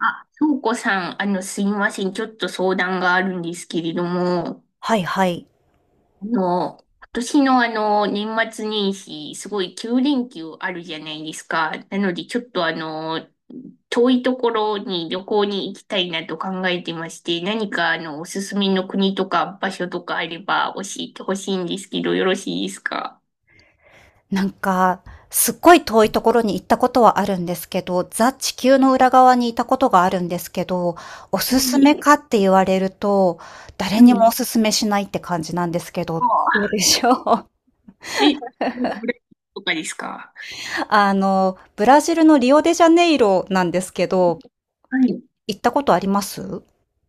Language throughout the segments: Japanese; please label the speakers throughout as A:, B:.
A: あ、翔子さん、すいません。ちょっと相談があるんですけれども、
B: はいはい。
A: 今年の年末年始、すごい9連休あるじゃないですか。なので、ちょっと遠いところに旅行に行きたいなと考えてまして、何かおすすめの国とか場所とかあれば教えてほしいんですけど、よろしいですか？
B: なんか、すっごい遠いところに行ったことはあるんですけど、ザ・地球の裏側にいたことがあるんですけど、お
A: い
B: すすめ
A: い。
B: かって言われると、誰
A: う
B: にも
A: ん。
B: おすすめしないって感じなんですけど、ど
A: あ
B: うでしょう？
A: え、ブラジルとかですか？
B: ブラジルのリオデジャネイロなんですけど、
A: はい。
B: い
A: い
B: 行ったことあります？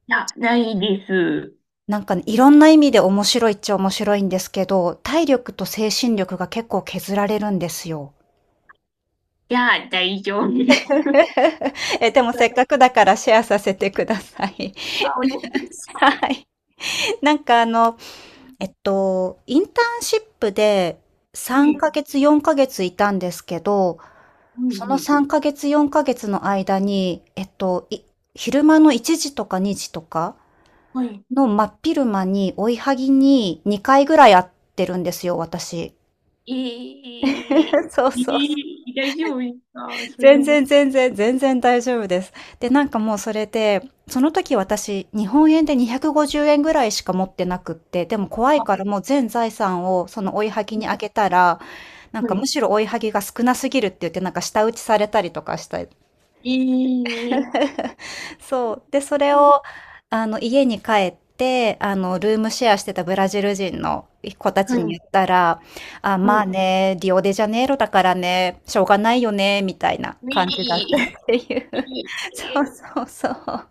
A: や、ないです。
B: なんかね、いろんな意味で面白いっちゃ面白いんですけど、体力と精神力が結構削られるんですよ。
A: いや、大丈夫です。
B: え、でもせっかくだからシェアさせてください。
A: あお願いし ます。は
B: はい。なんかインターンシップで3
A: い、
B: ヶ月、4ヶ月いたんですけど、
A: は
B: その
A: い、
B: 3ヶ月、4ヶ月の間に、昼間の1時とか2時とか
A: はい。は
B: の真っ昼間に追いはぎに2回ぐらい会ってるんですよ、私。
A: い。え
B: そう
A: ー、
B: そう、
A: ええ大丈夫ですかそれ
B: 全
A: で？
B: 然全然全然大丈夫です。で、なんかもうそれで、その時私、日本円で250円ぐらいしか持ってなくって、でも怖い
A: あ、
B: からもう全財産をその追いはぎにあげたら、なん
A: は
B: かむ
A: い。
B: しろ追いはぎが少なすぎるって言って、なんか舌打ちされたりとかした。
A: ええ
B: そう。で、それを、家に帰って、ルームシェアしてたブラジル人の子た
A: は
B: ちに
A: い、
B: 言ったら、あ、
A: は
B: まあ
A: い。
B: ね、リオデジャネイロだからね、しょうがないよね、みたいな感じだっ
A: え
B: たっていう。
A: ー、
B: そ
A: え
B: う
A: ー。
B: そうそう。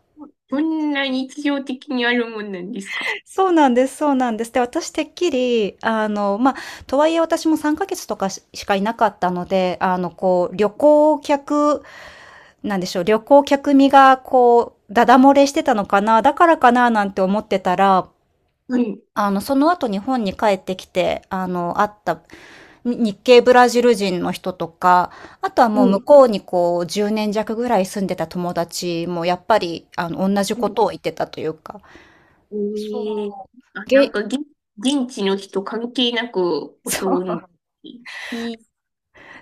A: こんな日常的にあるもんなんですか？
B: そうなんです、そうなんです。で、私てっきり、まあ、とはいえ私も3ヶ月とかしかいなかったので、こう、旅行客、なんでしょう、旅行客身が、こう、ダダ漏れしてたのかな、だからかな、なんて思ってたら、
A: はい、
B: その後日本に帰ってきて、会ったに日系ブラジル人の人とか、あとはもう
A: は
B: 向
A: い。
B: こうにこう、10年弱ぐらい住んでた友達も、やっぱり、同じ
A: う
B: こ
A: ん
B: とを言ってたというか、
A: えーあ、なん
B: げ
A: か、現地の人関係なく
B: そ
A: 襲うん。
B: う。
A: えー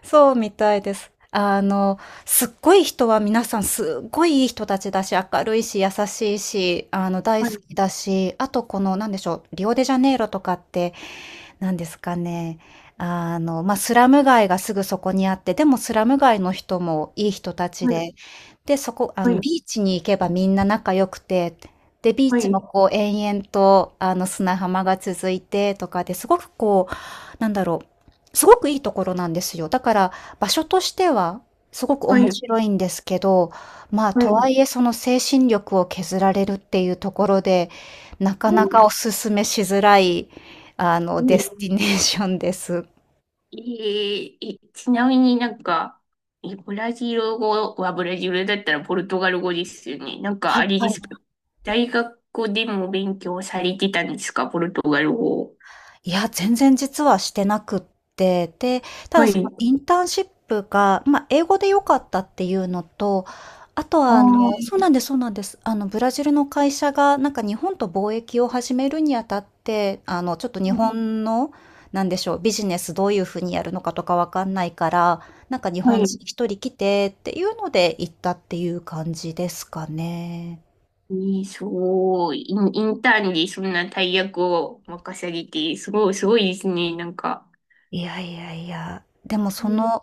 B: そうみたいです。すっごい人は皆さんすっごいいい人たちだし、明るいし、優しいし、大
A: は
B: 好
A: い、
B: きだし、あとこの、なんでしょう、リオデジャネイロとかってなんですかね、スラム街がすぐそこにあって、でもスラム街の人もいい人たち
A: はい、
B: で、で、そこ
A: はい、
B: ビーチに行けばみんな仲良くて、で、ビー
A: は
B: チもこう延々と、砂浜が続いてとかで、すごくこう、なんだろう、すごくいいところなんですよ。だから、場所としてはすごく面
A: い、
B: 白いんですけど、まあ、
A: は
B: とは
A: い、
B: いえその精神力を削られるっていうところで、なか
A: は
B: なか
A: い。
B: お勧めしづらいデスティネー
A: え
B: ションです。
A: ええちなみになんか、え、ブラジル語はブラジルだったらポルトガル語ですよね。なんか
B: は
A: あ
B: い
A: れ
B: は
A: ですか？
B: い。
A: 大学でも勉強されてたんですか、ポルトガル語？
B: いや、全然実はしてなくって、で、ただ
A: は
B: その
A: い。
B: インターンシップが、ま、英語で良かったっていうのと、あと
A: あ
B: は
A: あ、
B: そうなんですそうなんです。ブラジルの会社がなんか日本と貿易を始めるにあたって、ちょっと日本の、なんでしょう、ビジネスどういう風にやるのかとかわかんないから、なんか日
A: は
B: 本人
A: い。
B: 一人来てっていうので行ったっていう感じですかね。
A: ええすごい。インターンでそんな大役を任されて、すごい、すごいですね。なんか。
B: いやいやいや、でもその、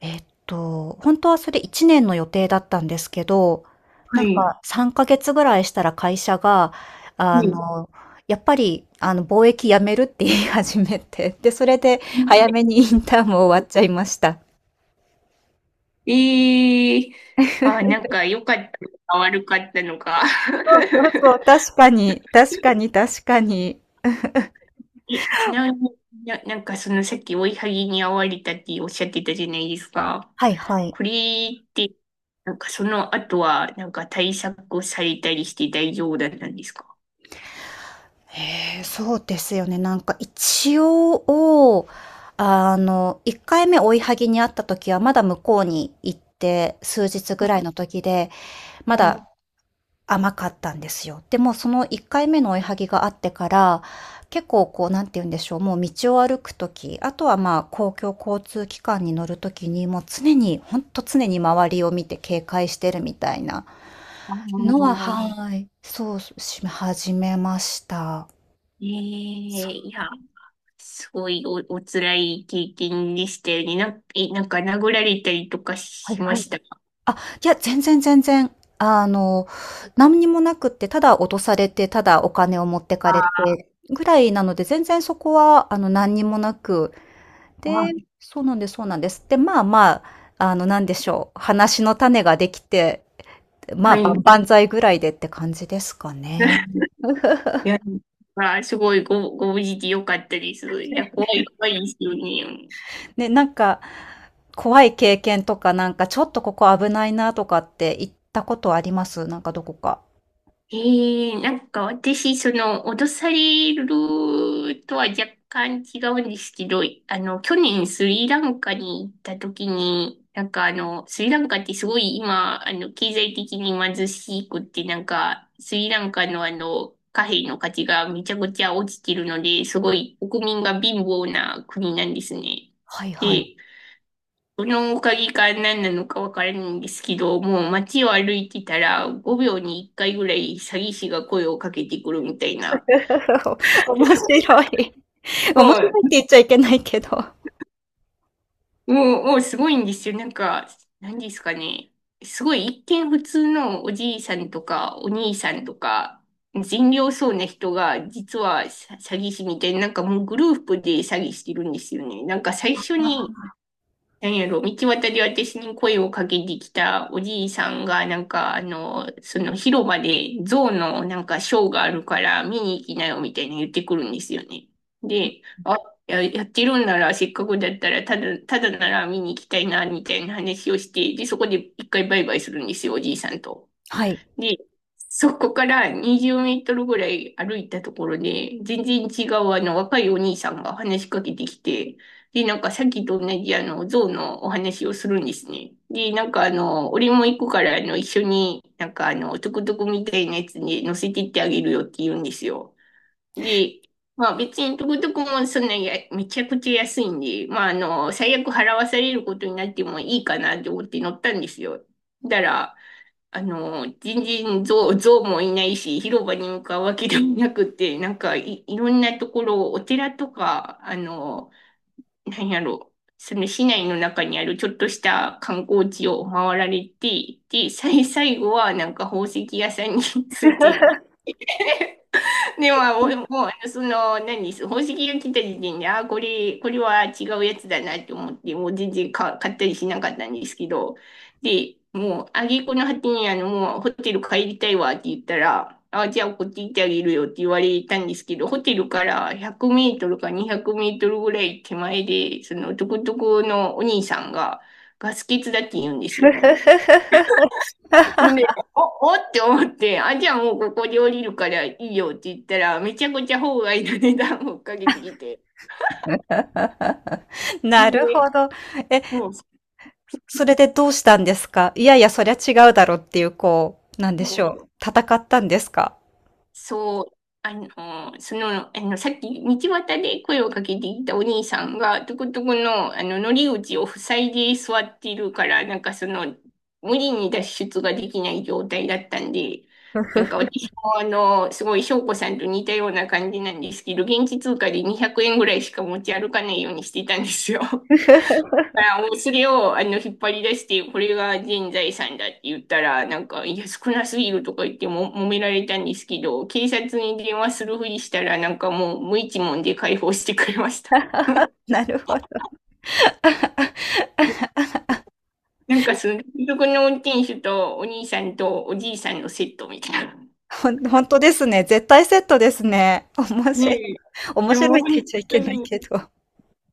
B: 本当はそれ1年の予定だったんですけど、
A: は
B: なん
A: い。
B: か3ヶ月ぐらいしたら会社が、あ
A: はい。
B: の、やっぱり、貿易やめるって言い始めて、で、それで早めにインターンも終わっちゃいました。
A: ええあ、なんか良かったのか悪かったのか。
B: そうそうそ う、確かに、確かに確かに。
A: え、ちなみになんかそのさっき追いはぎに遭われたっておっしゃってたじゃないですか。
B: はいはい。
A: これって、なんかその後は、なんか対策をされたりして大丈夫だったんですか？
B: へえ、そうですよね。なんか一応、1回目追いはぎにあった時はまだ向こうに行って数日ぐらいの時で、ま
A: う
B: だ
A: ん
B: 甘かったんですよ。でもその1回目の追いはぎがあってから、結構こう、なんて言うんでしょう、もう道を歩く時、あとはまあ、公共交通機関に乗る時に、もう常に、ほんと常に周りを見て警戒してるみたいな
A: あ
B: のは、
A: あ
B: はい、そう、し始めました。
A: ええいや、すごいお辛い経験でしたよね。え、なんか殴られたりとかしましたか？
B: あ、いや、全然全然。何にもなくって、ただ落とされて、ただお金を持ってかれ
A: あ
B: てぐらいなので、全然そこは、何にもなく、で
A: あ、
B: そうなんですそうなんです。で、まあまあ、なんでしょう、話の種ができて、
A: は
B: まあ、万
A: い。
B: 々歳ぐらいでって感じですかね。
A: いや、まあ、すごいご無事でよかったです。いや、怖い、怖いですよね。
B: ね、なんか、怖い経験とか、なんか、ちょっとここ危ないなとかって行ったことあります？なんかどこか。
A: ええなんか私、その、脅されるとは若干違うんですけど、去年スリランカに行った時に、なんかスリランカってすごい今、経済的に貧しくって、なんか、スリランカの貨幣の価値がめちゃくちゃ落ちてるので、すごい国民が貧乏な国なんですね。
B: はいはい。
A: で、そのおかげか何なのかわからないんですけど、もう街を歩いてたら5秒に1回ぐらい詐欺師が声をかけてくるみたいな。
B: 面白い。なんか面白いって
A: も
B: 言っちゃいけないけど。
A: う、もう、もうすごいんですよ。なんか、何ですかね。すごい一見普通のおじいさんとかお兄さんとか善良そうな人が実は詐欺師みたいな、なんかもうグループで詐欺してるんですよね。なんか最初になんやろ、道端で私に声をかけてきたおじいさんが、なんか、その広場で象のなんかショーがあるから見に行きなよみたいな言ってくるんですよね。で、あ、やってるんならせっかくだったら、ただなら見に行きたいな、みたいな話をして、で、そこで一回バイバイするんですよ、おじいさんと。
B: はい。
A: で、そこから20メートルぐらい歩いたところで、全然違うあの若いお兄さんが話しかけてきて、で、なんかさっきと同じあの象のお話をするんですね。で、なんか俺も行くから一緒になんかトゥクトゥクみたいなやつに乗せてってあげるよって言うんですよ。で、まあ別にトゥクトゥクもそんなや、めちゃくちゃ安いんで、まあ最悪払わされることになってもいいかなって思って乗ったんですよ。だから、全然象もいないし、広場に向かうわけでもなくて、なんかいろんなところ、お寺とか、なんやろ、その市内の中にあるちょっとした観光地を回られて、で、最後はなんか宝石屋さんに ついて でも、おもう、その、何、宝石が来た時点で、あ、これは違うやつだなって思って、もう全然買ったりしなかったんですけど、で、もう、挙句の果てに、もう、ホテル帰りたいわって言ったら、あ、じゃあ、こっち行ってあげるよって言われたんですけど、ホテルから100メートルか200メートルぐらい手前で、その、トゥクトゥクのお兄さんが、ガス欠だって言うんですよね。で、お、おって思って、あ、じゃあもうここで降りるからいいよって言ったら、めちゃくちゃ法外な値段をかけてきて。
B: なる
A: で、
B: ほど。え、
A: そう、
B: それでどうしたんですか？いやいや、そりゃ違うだろうっていう、こう、なんでし
A: そ
B: ょ
A: う
B: う。戦ったんですか？
A: そう、あの、その、さっき道端で声をかけていたお兄さんが、トこトこの、乗り口を塞いで座っているから、なんかその、無理に脱出ができない状態だったんで、なんか私もすごい翔子さんと似たような感じなんですけど、現地通貨で200円ぐらいしか持ち歩かないようにしてたんですよ。からおそれを引っ張り出して、これが全財産だって言ったら、なんか、いや、少なすぎるとか言っても揉められたんですけど、警察に電話するふりしたら、なんかもう無一文で解放してくれました。
B: なるほど。
A: なんかその、族の運転手とお兄さんとおじいさんのセットみたいな。
B: 本当ですね。絶対セットですね。面
A: ね
B: 白い。
A: え。
B: 面
A: で
B: 白
A: も
B: いって
A: 本
B: 言っちゃい
A: 当
B: けない
A: に、
B: けど。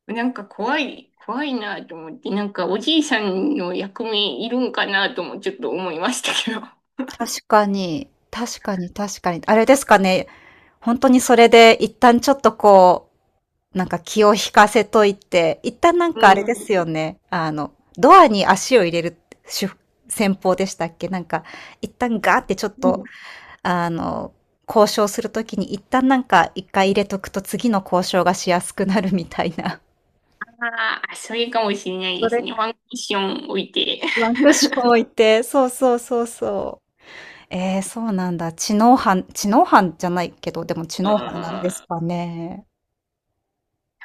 A: なんか怖い、怖いなと思って、なんかおじいさんの役目いるんかなともちょっと思いましたけど。
B: 確かに。確かに、確かに。あれですかね。本当にそれで一旦ちょっとこう、なんか気を引かせといて、一旦なんかあれで
A: う
B: すよね。ドアに足を入れる手戦法でしたっけなんか、一旦ガーってちょっと、
A: ん。
B: あの、交渉するときに一旦なんか1回入れとくと次の交渉がしやすくなるみたいな。
A: ああ、それかもしれない
B: そ
A: です
B: れ、
A: ね。ワンクッション置いて。
B: ワンクッション置いて、そうそうそうそう。えー、そうなんだ。知能犯、知能犯じゃないけど、でも知
A: うん。
B: 能犯なんです
A: な
B: かね。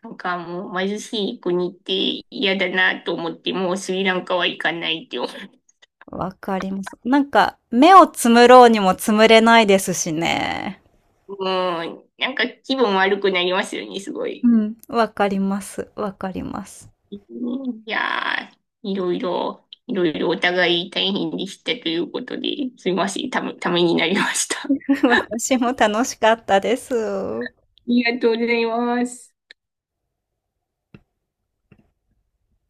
A: んかもう貧しい国って嫌だなと思って、もうスリランカは行かないって思う。
B: わかります。なんか、目をつむろうにもつむれないですしね。
A: うん。なんか気分悪くなりますよね、すご
B: う
A: い。
B: ん、わかりますわかります。
A: うんいやー、いろいろお互い大変でしたということで、すいません、ためになりました。あ
B: 私も楽しかったです。
A: りがとうございます。